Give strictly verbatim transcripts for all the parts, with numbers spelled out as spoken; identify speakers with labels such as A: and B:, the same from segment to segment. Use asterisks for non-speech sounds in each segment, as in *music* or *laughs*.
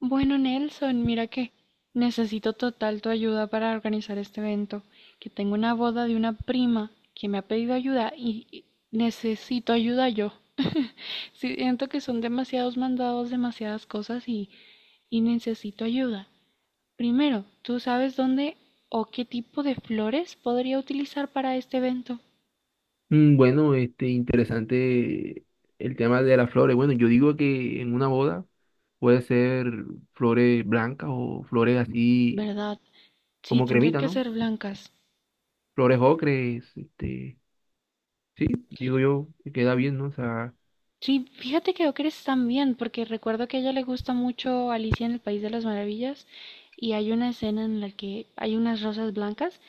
A: Bueno, Nelson, mira que necesito total tu ayuda para organizar este evento, que tengo una boda de una prima que me ha pedido ayuda y y necesito ayuda yo. *laughs* Siento que son demasiados mandados, demasiadas cosas y, y necesito ayuda. Primero, ¿tú sabes dónde o qué tipo de flores podría utilizar para este evento?
B: Mm, Bueno, este, interesante el tema de las flores. Bueno, yo digo que en una boda puede ser flores blancas o flores así
A: ¿Verdad? Sí,
B: como
A: tendrían
B: cremita,
A: que
B: ¿no?
A: ser blancas.
B: Flores ocres, este, sí, digo yo que queda bien, ¿no? O sea,
A: Sí, fíjate que ocres también, porque recuerdo que a ella le gusta mucho Alicia en el País de las Maravillas y hay una escena en la que hay unas rosas blancas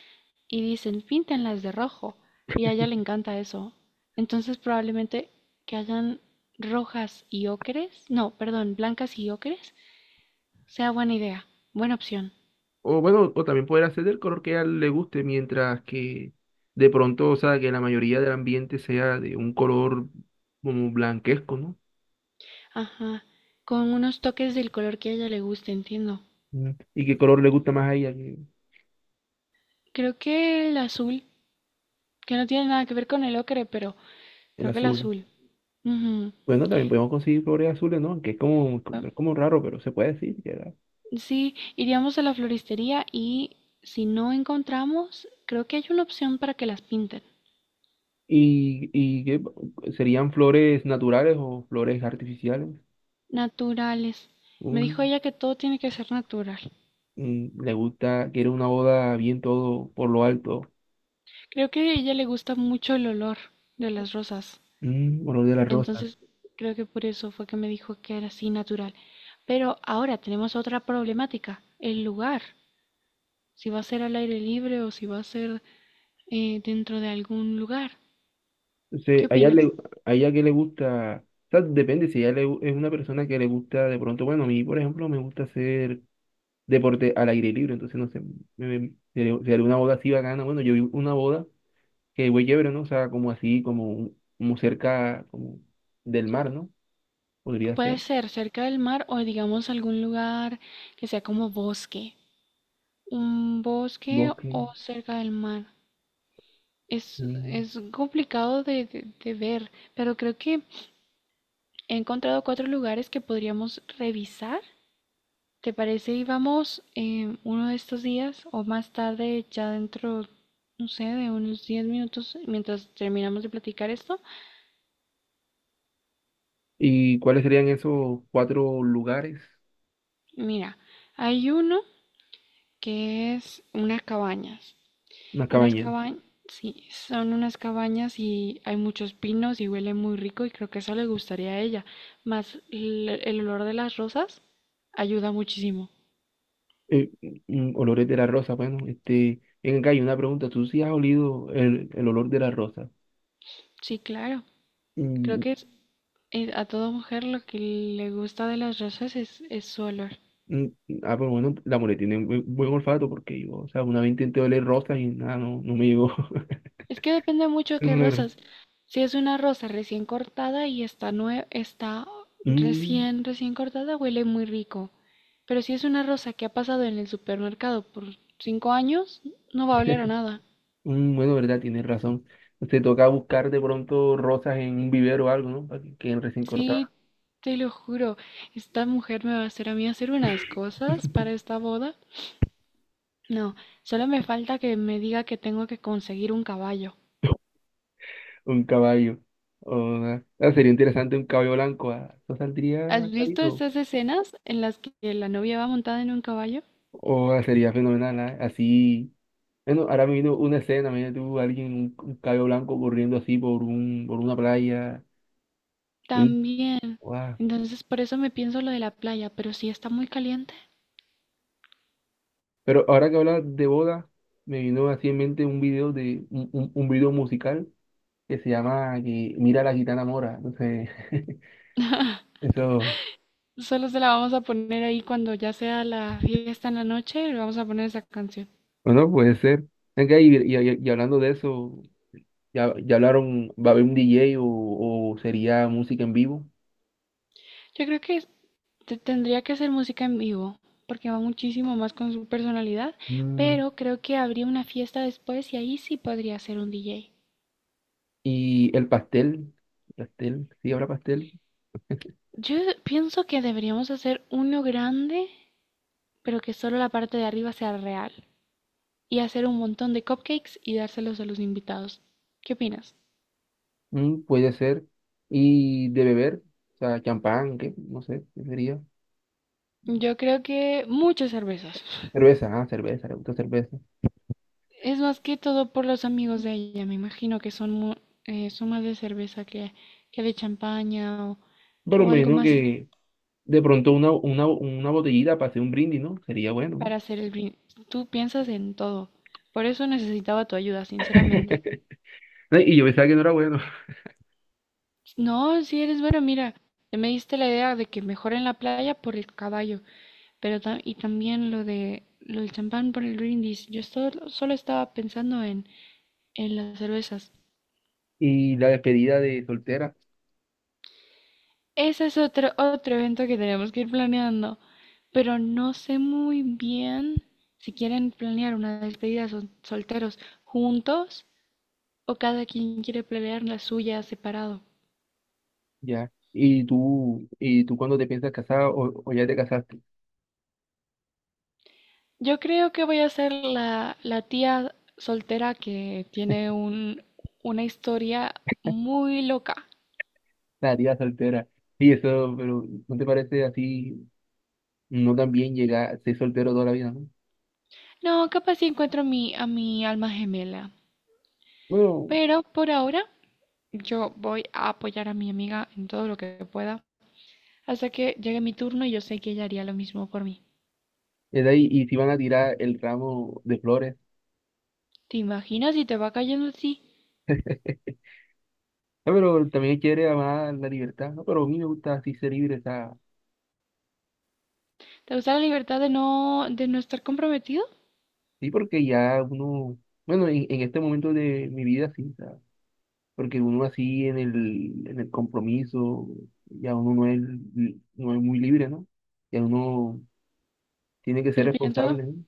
A: y dicen píntenlas de rojo y a ella le encanta eso. Entonces probablemente que hayan rojas y ocres, no, perdón, blancas y ocres, sea buena idea, buena opción.
B: o bueno, o también poder hacer del color que a él le guste, mientras que de pronto, o sea, que la mayoría del ambiente sea de un color como blanquesco, ¿no?
A: Ajá, con unos toques del color que a ella le guste, entiendo.
B: Mm. ¿Y qué color le gusta más a ella que
A: Creo que el azul, que no tiene nada que ver con el ocre, pero
B: el
A: creo que el
B: azul?
A: azul. Ujú.
B: Bueno, también podemos conseguir flores azules, ¿no? Que es como, es como raro, pero se puede decir que era.
A: Sí, iríamos a la floristería y si no encontramos, creo que hay una opción para que las pinten.
B: ¿Y, y qué serían flores naturales o flores artificiales?
A: Naturales. Me dijo
B: Mm,
A: ella que todo tiene que ser natural.
B: mm, le gusta, quiere una boda bien todo por lo alto,
A: Creo que a ella le gusta mucho el olor de las rosas.
B: mm, olor de las rosas.
A: Entonces, creo que por eso fue que me dijo que era así natural. Pero ahora tenemos otra problemática, el lugar. Si va a ser al aire libre o si va a ser eh, dentro de algún lugar. ¿Qué
B: Entonces, a ella, le,
A: opinas?
B: a ella que le gusta, o sea, depende si ella le gu- es una persona que le gusta de pronto, bueno, a mí, por ejemplo, me gusta hacer deporte al aire libre, entonces, no sé, me, me- sería sería una boda así bacana, bueno, yo vi una boda. Que güey chévere, ¿no? O sea, como así, como, un- como cerca como del mar, ¿no? Podría
A: Puede
B: ser.
A: ser cerca del mar o digamos algún lugar que sea como bosque, un bosque
B: Bosque.
A: o cerca del mar. Es,
B: mm.
A: es complicado de, de- de ver, pero creo que he encontrado cuatro lugares que podríamos revisar. ¿Te parece? Y vamos eh, uno de estos días o más tarde, ya dentro, no sé, de unos diez minutos, mientras terminamos de platicar esto.
B: ¿Y cuáles serían esos cuatro lugares?
A: Mira, hay uno que es unas cabañas.
B: Una
A: Unas
B: cabaña.
A: cabañas, sí, son unas cabañas y hay muchos pinos y huele muy rico y creo que eso le gustaría a ella. Más el, el olor de las rosas ayuda muchísimo.
B: Eh, mm, olores de la rosa, bueno, este, en acá hay una pregunta, ¿tú sí has olido el, el olor de la rosa?
A: Sí, claro. Creo
B: Mm,
A: que es- eh, a toda mujer lo que le gusta de las rosas es, es su olor.
B: mm, ah, pero bueno, la mole tiene un buen, buen olfato porque yo, o sea, una vez intenté oler rosas y nada, no, no me llegó *laughs*
A: Es que depende mucho de
B: el
A: qué
B: olor.
A: rosas. Si es una rosa recién cortada y está, nue- está
B: Mm,
A: recién, recién cortada, huele muy rico. Pero si es una rosa que ha pasado en el supermercado por cinco años, no va a oler a nada.
B: Mm, Bueno, verdad, tienes razón. Se toca buscar de pronto rosas en un vivero o algo, ¿no? Para que queden recién cortadas.
A: Sí, te lo juro, esta mujer me va a hacer a mí hacer unas cosas para esta boda. No, solo me falta que me diga que tengo que conseguir un caballo.
B: Un caballo. O una- ah, sería interesante un caballo blanco. ah, Eso
A: ¿Has
B: saldría
A: visto
B: carito.
A: estas escenas en las que la novia va montada en un caballo?
B: O ah, sería fenomenal, ah, así. Bueno, ahora me vino una escena, me vino tú, alguien, un, un caballo blanco corriendo así por un, por una playa. Y,
A: También.
B: guau.
A: Entonces, por eso me pienso lo de la playa, pero si está muy caliente,
B: Pero ahora que hablas de boda, me vino así en mente un video de un, un, un video musical que se llama que Mira la gitana mora. Entonces, *laughs* eso.
A: solo se la vamos a poner ahí cuando ya sea la fiesta en la noche, le vamos a poner esa canción.
B: Bueno, puede ser. Venga, y, y- y- hablando de eso, ya, ya hablaron, ¿va a haber un D J o, o sería música en vivo?
A: Yo creo que te- tendría que hacer música en vivo, porque va muchísimo más con su personalidad,
B: Mm,
A: pero creo que habría una fiesta después y ahí sí podría ser un D J.
B: y el pastel, pastel, sí, habrá pastel.
A: Yo pienso que deberíamos hacer uno grande, pero que solo la parte de arriba sea real, y hacer un montón de cupcakes y dárselos a los invitados. ¿Qué opinas?
B: Mm, puede ser. Y de beber, o sea, champán, ¿qué? No sé, ¿qué sería?
A: Yo creo que muchas cervezas.
B: Cerveza, ah, cerveza, le gusta cerveza.
A: Es más que todo por los amigos de ella. Me imagino que son, mu- eh, son más de cerveza que, que de champaña o,
B: Pero
A: o
B: me
A: algo
B: imagino
A: más
B: que de pronto una, una, una botellita para hacer un brindis, ¿no? Sería bueno, ¿no?
A: para hacer el brindis. Tú piensas en todo. Por eso necesitaba tu ayuda, sinceramente.
B: *laughs* Y yo pensaba que no era bueno.
A: No, si eres bueno, mira, te me diste la idea de que mejor en la playa por el caballo, pero ta- y también lo de lo del champán por el brindis. Yo solo, solo estaba pensando en, en las cervezas.
B: Y la despedida de soltera.
A: Ese es otro, otro evento que tenemos que ir planeando, pero no sé muy bien si quieren planear una despedida sol- solteros juntos o cada quien quiere planear la suya separado.
B: Ya. ¿Y tú, y tú cuando te piensas casar o, o ya te casaste?
A: Yo creo que voy a ser la, la tía soltera que tiene un, una historia muy loca.
B: La tía soltera. Sí, eso, pero ¿no te parece así no tan bien llegar, ser soltero toda la vida, ¿no?
A: No, capaz si encuentro a mi, a mi alma gemela,
B: Bueno,
A: pero por ahora yo voy a apoyar a mi amiga en todo lo que pueda hasta que llegue mi turno y yo sé que ella haría lo mismo por mí.
B: es ahí, y si van a tirar el ramo de flores.
A: ¿Te imaginas si te va cayendo así?
B: Ah, pero también quiere amar la libertad, ¿no? Pero a mí me gusta así ser libre, o sea,
A: ¿Te gusta la libertad de no, de no estar comprometido?
B: sí, porque ya uno, bueno, en, en este momento de mi vida sí, o sea, porque uno así en el, en el compromiso, ya uno no es, li- no es muy libre, ¿no? Ya uno tiene que ser
A: Pero pienso,
B: responsable, ¿no?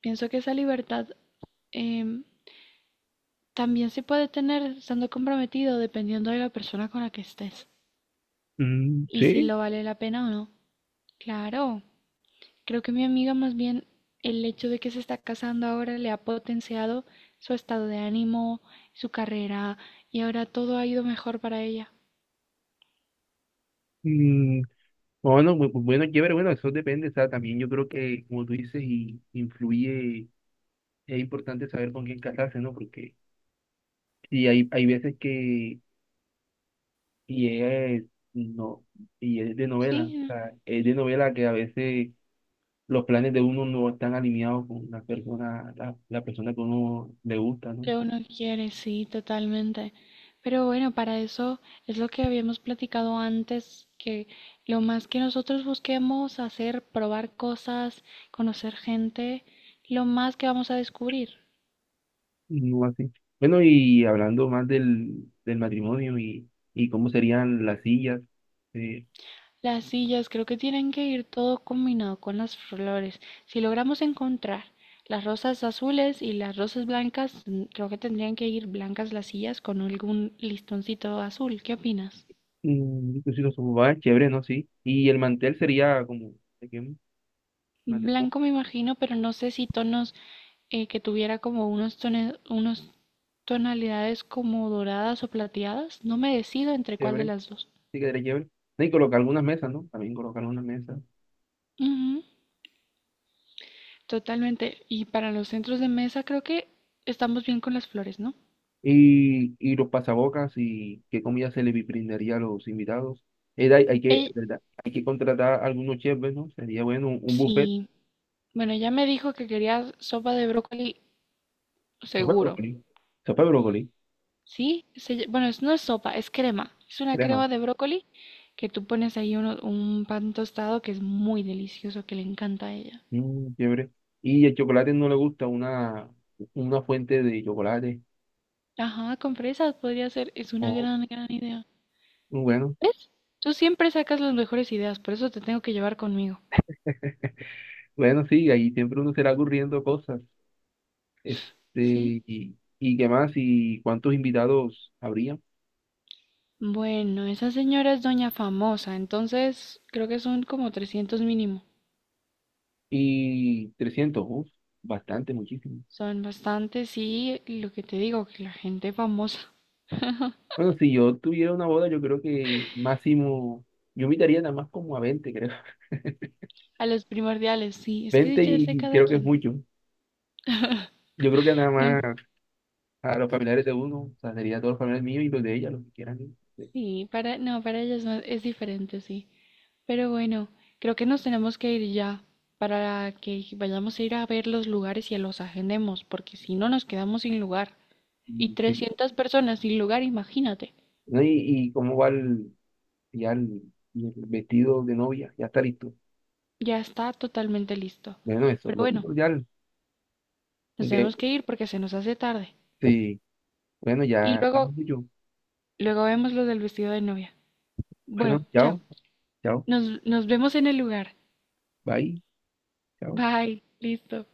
A: pienso que esa libertad em, también se puede tener estando comprometido dependiendo de la persona con la que estés
B: Mm,
A: y si
B: sí.
A: lo vale la pena o no. Claro, creo que mi amiga más bien el hecho de que se está casando ahora le ha potenciado su estado de ánimo, su carrera y ahora todo ha ido mejor para ella.
B: Mm, bueno, bu- bu- bueno, chévere, bueno, eso depende, o sea, también yo creo que, como tú dices, y influye, es importante saber con quién casarse, ¿no? Porque y hay, hay veces que, y es, no, y es de novela, o
A: Sí,
B: sea, es de novela que a veces los planes de uno no están alineados con la persona, la, la persona que uno le gusta, ¿no?
A: que uno quiere, sí, totalmente. Pero bueno, para eso es lo que habíamos platicado antes, que lo más que nosotros busquemos hacer, probar cosas, conocer gente, lo más que vamos a descubrir.
B: No así. Bueno, y hablando más del, del matrimonio y, y cómo serían las sillas, eh,
A: Las sillas creo que tienen que ir todo combinado con las flores. Si logramos encontrar las rosas azules y las rosas blancas, mm, creo que tendrían que ir blancas las sillas con algún listoncito azul. ¿Qué opinas?
B: mm, pues sí, los sofás, chévere, ¿no? Sí. Y el mantel sería como, ¿de qué? Mantel como
A: Blanco me imagino, pero no sé si tonos eh, que tuviera como unos tone- unos tonalidades como doradas o plateadas. No me decido entre cuál de
B: chévere,
A: las dos.
B: sí quedaría chévere. No, y colocar algunas mesas, ¿no? También colocar algunas mesas.
A: Ujú, totalmente. Y para los centros de mesa creo que estamos bien con las flores, ¿no?
B: Y, y los pasabocas y qué comida se le brindaría a los invitados. Eh, hay, hay que,
A: Ey,
B: ¿verdad? Hay que contratar algunos chefs, ¿no? Sería bueno un, un buffet.
A: sí. Bueno, ya me dijo que quería sopa de brócoli
B: Sopa de
A: seguro.
B: brócoli, sopa de brócoli,
A: ¿Sí? Se ll- bueno, es- No es sopa, es crema. Es una
B: crema.
A: crema de brócoli que tú pones ahí uno- un pan tostado que es muy delicioso, que le encanta a ella.
B: Mm, chévere. Y el chocolate no le gusta una, una fuente de chocolate.
A: Ajá, con fresas podría ser. Es una
B: Oh,
A: gran, gran idea.
B: bueno,
A: ¿Ves? Tú siempre sacas las mejores ideas, por eso te tengo que llevar conmigo.
B: bueno, sí, ahí siempre uno será ocurriendo cosas. Este,
A: Sí,
B: y, y qué más, y cuántos invitados habría.
A: bueno, esa señora es doña famosa, entonces creo que son como trescientos mínimo.
B: Y trescientos uf, bastante, muchísimo.
A: Son bastantes sí, y lo que te digo, que la gente famosa.
B: Bueno, si yo tuviera una boda, yo creo que máximo, yo invitaría nada más como a veinte creo. *laughs*
A: *laughs* A los primordiales, sí, es que
B: Veinte
A: ya es de
B: y
A: cada
B: creo que es
A: quien.
B: mucho. Yo creo que nada
A: No,
B: más a los familiares de uno, o sea, sería a todos los familiares míos y los de ella, los que quieran ir.
A: sí, para, no, para ellas no, es diferente, sí. Pero bueno, creo que nos tenemos que ir ya para que vayamos a ir a ver los lugares y los agendemos, porque si no nos quedamos sin lugar. Y
B: Sí.
A: trescientas personas sin lugar, imagínate.
B: ¿No? ¿Y, y cómo va el, ya el, y el vestido de novia? Ya está listo.
A: Ya está totalmente listo.
B: Bueno, eso,
A: Pero
B: lo
A: bueno,
B: primordial.
A: nos
B: Aunque,
A: tenemos que ir porque se nos hace tarde.
B: sí, bueno,
A: Y
B: ya estamos
A: luego,
B: yo.
A: luego vemos lo del vestido de novia. Bueno,
B: Bueno,
A: chao.
B: chao, chao,
A: Nos, nos vemos en el lugar.
B: bye, chao.
A: Bye. Listo.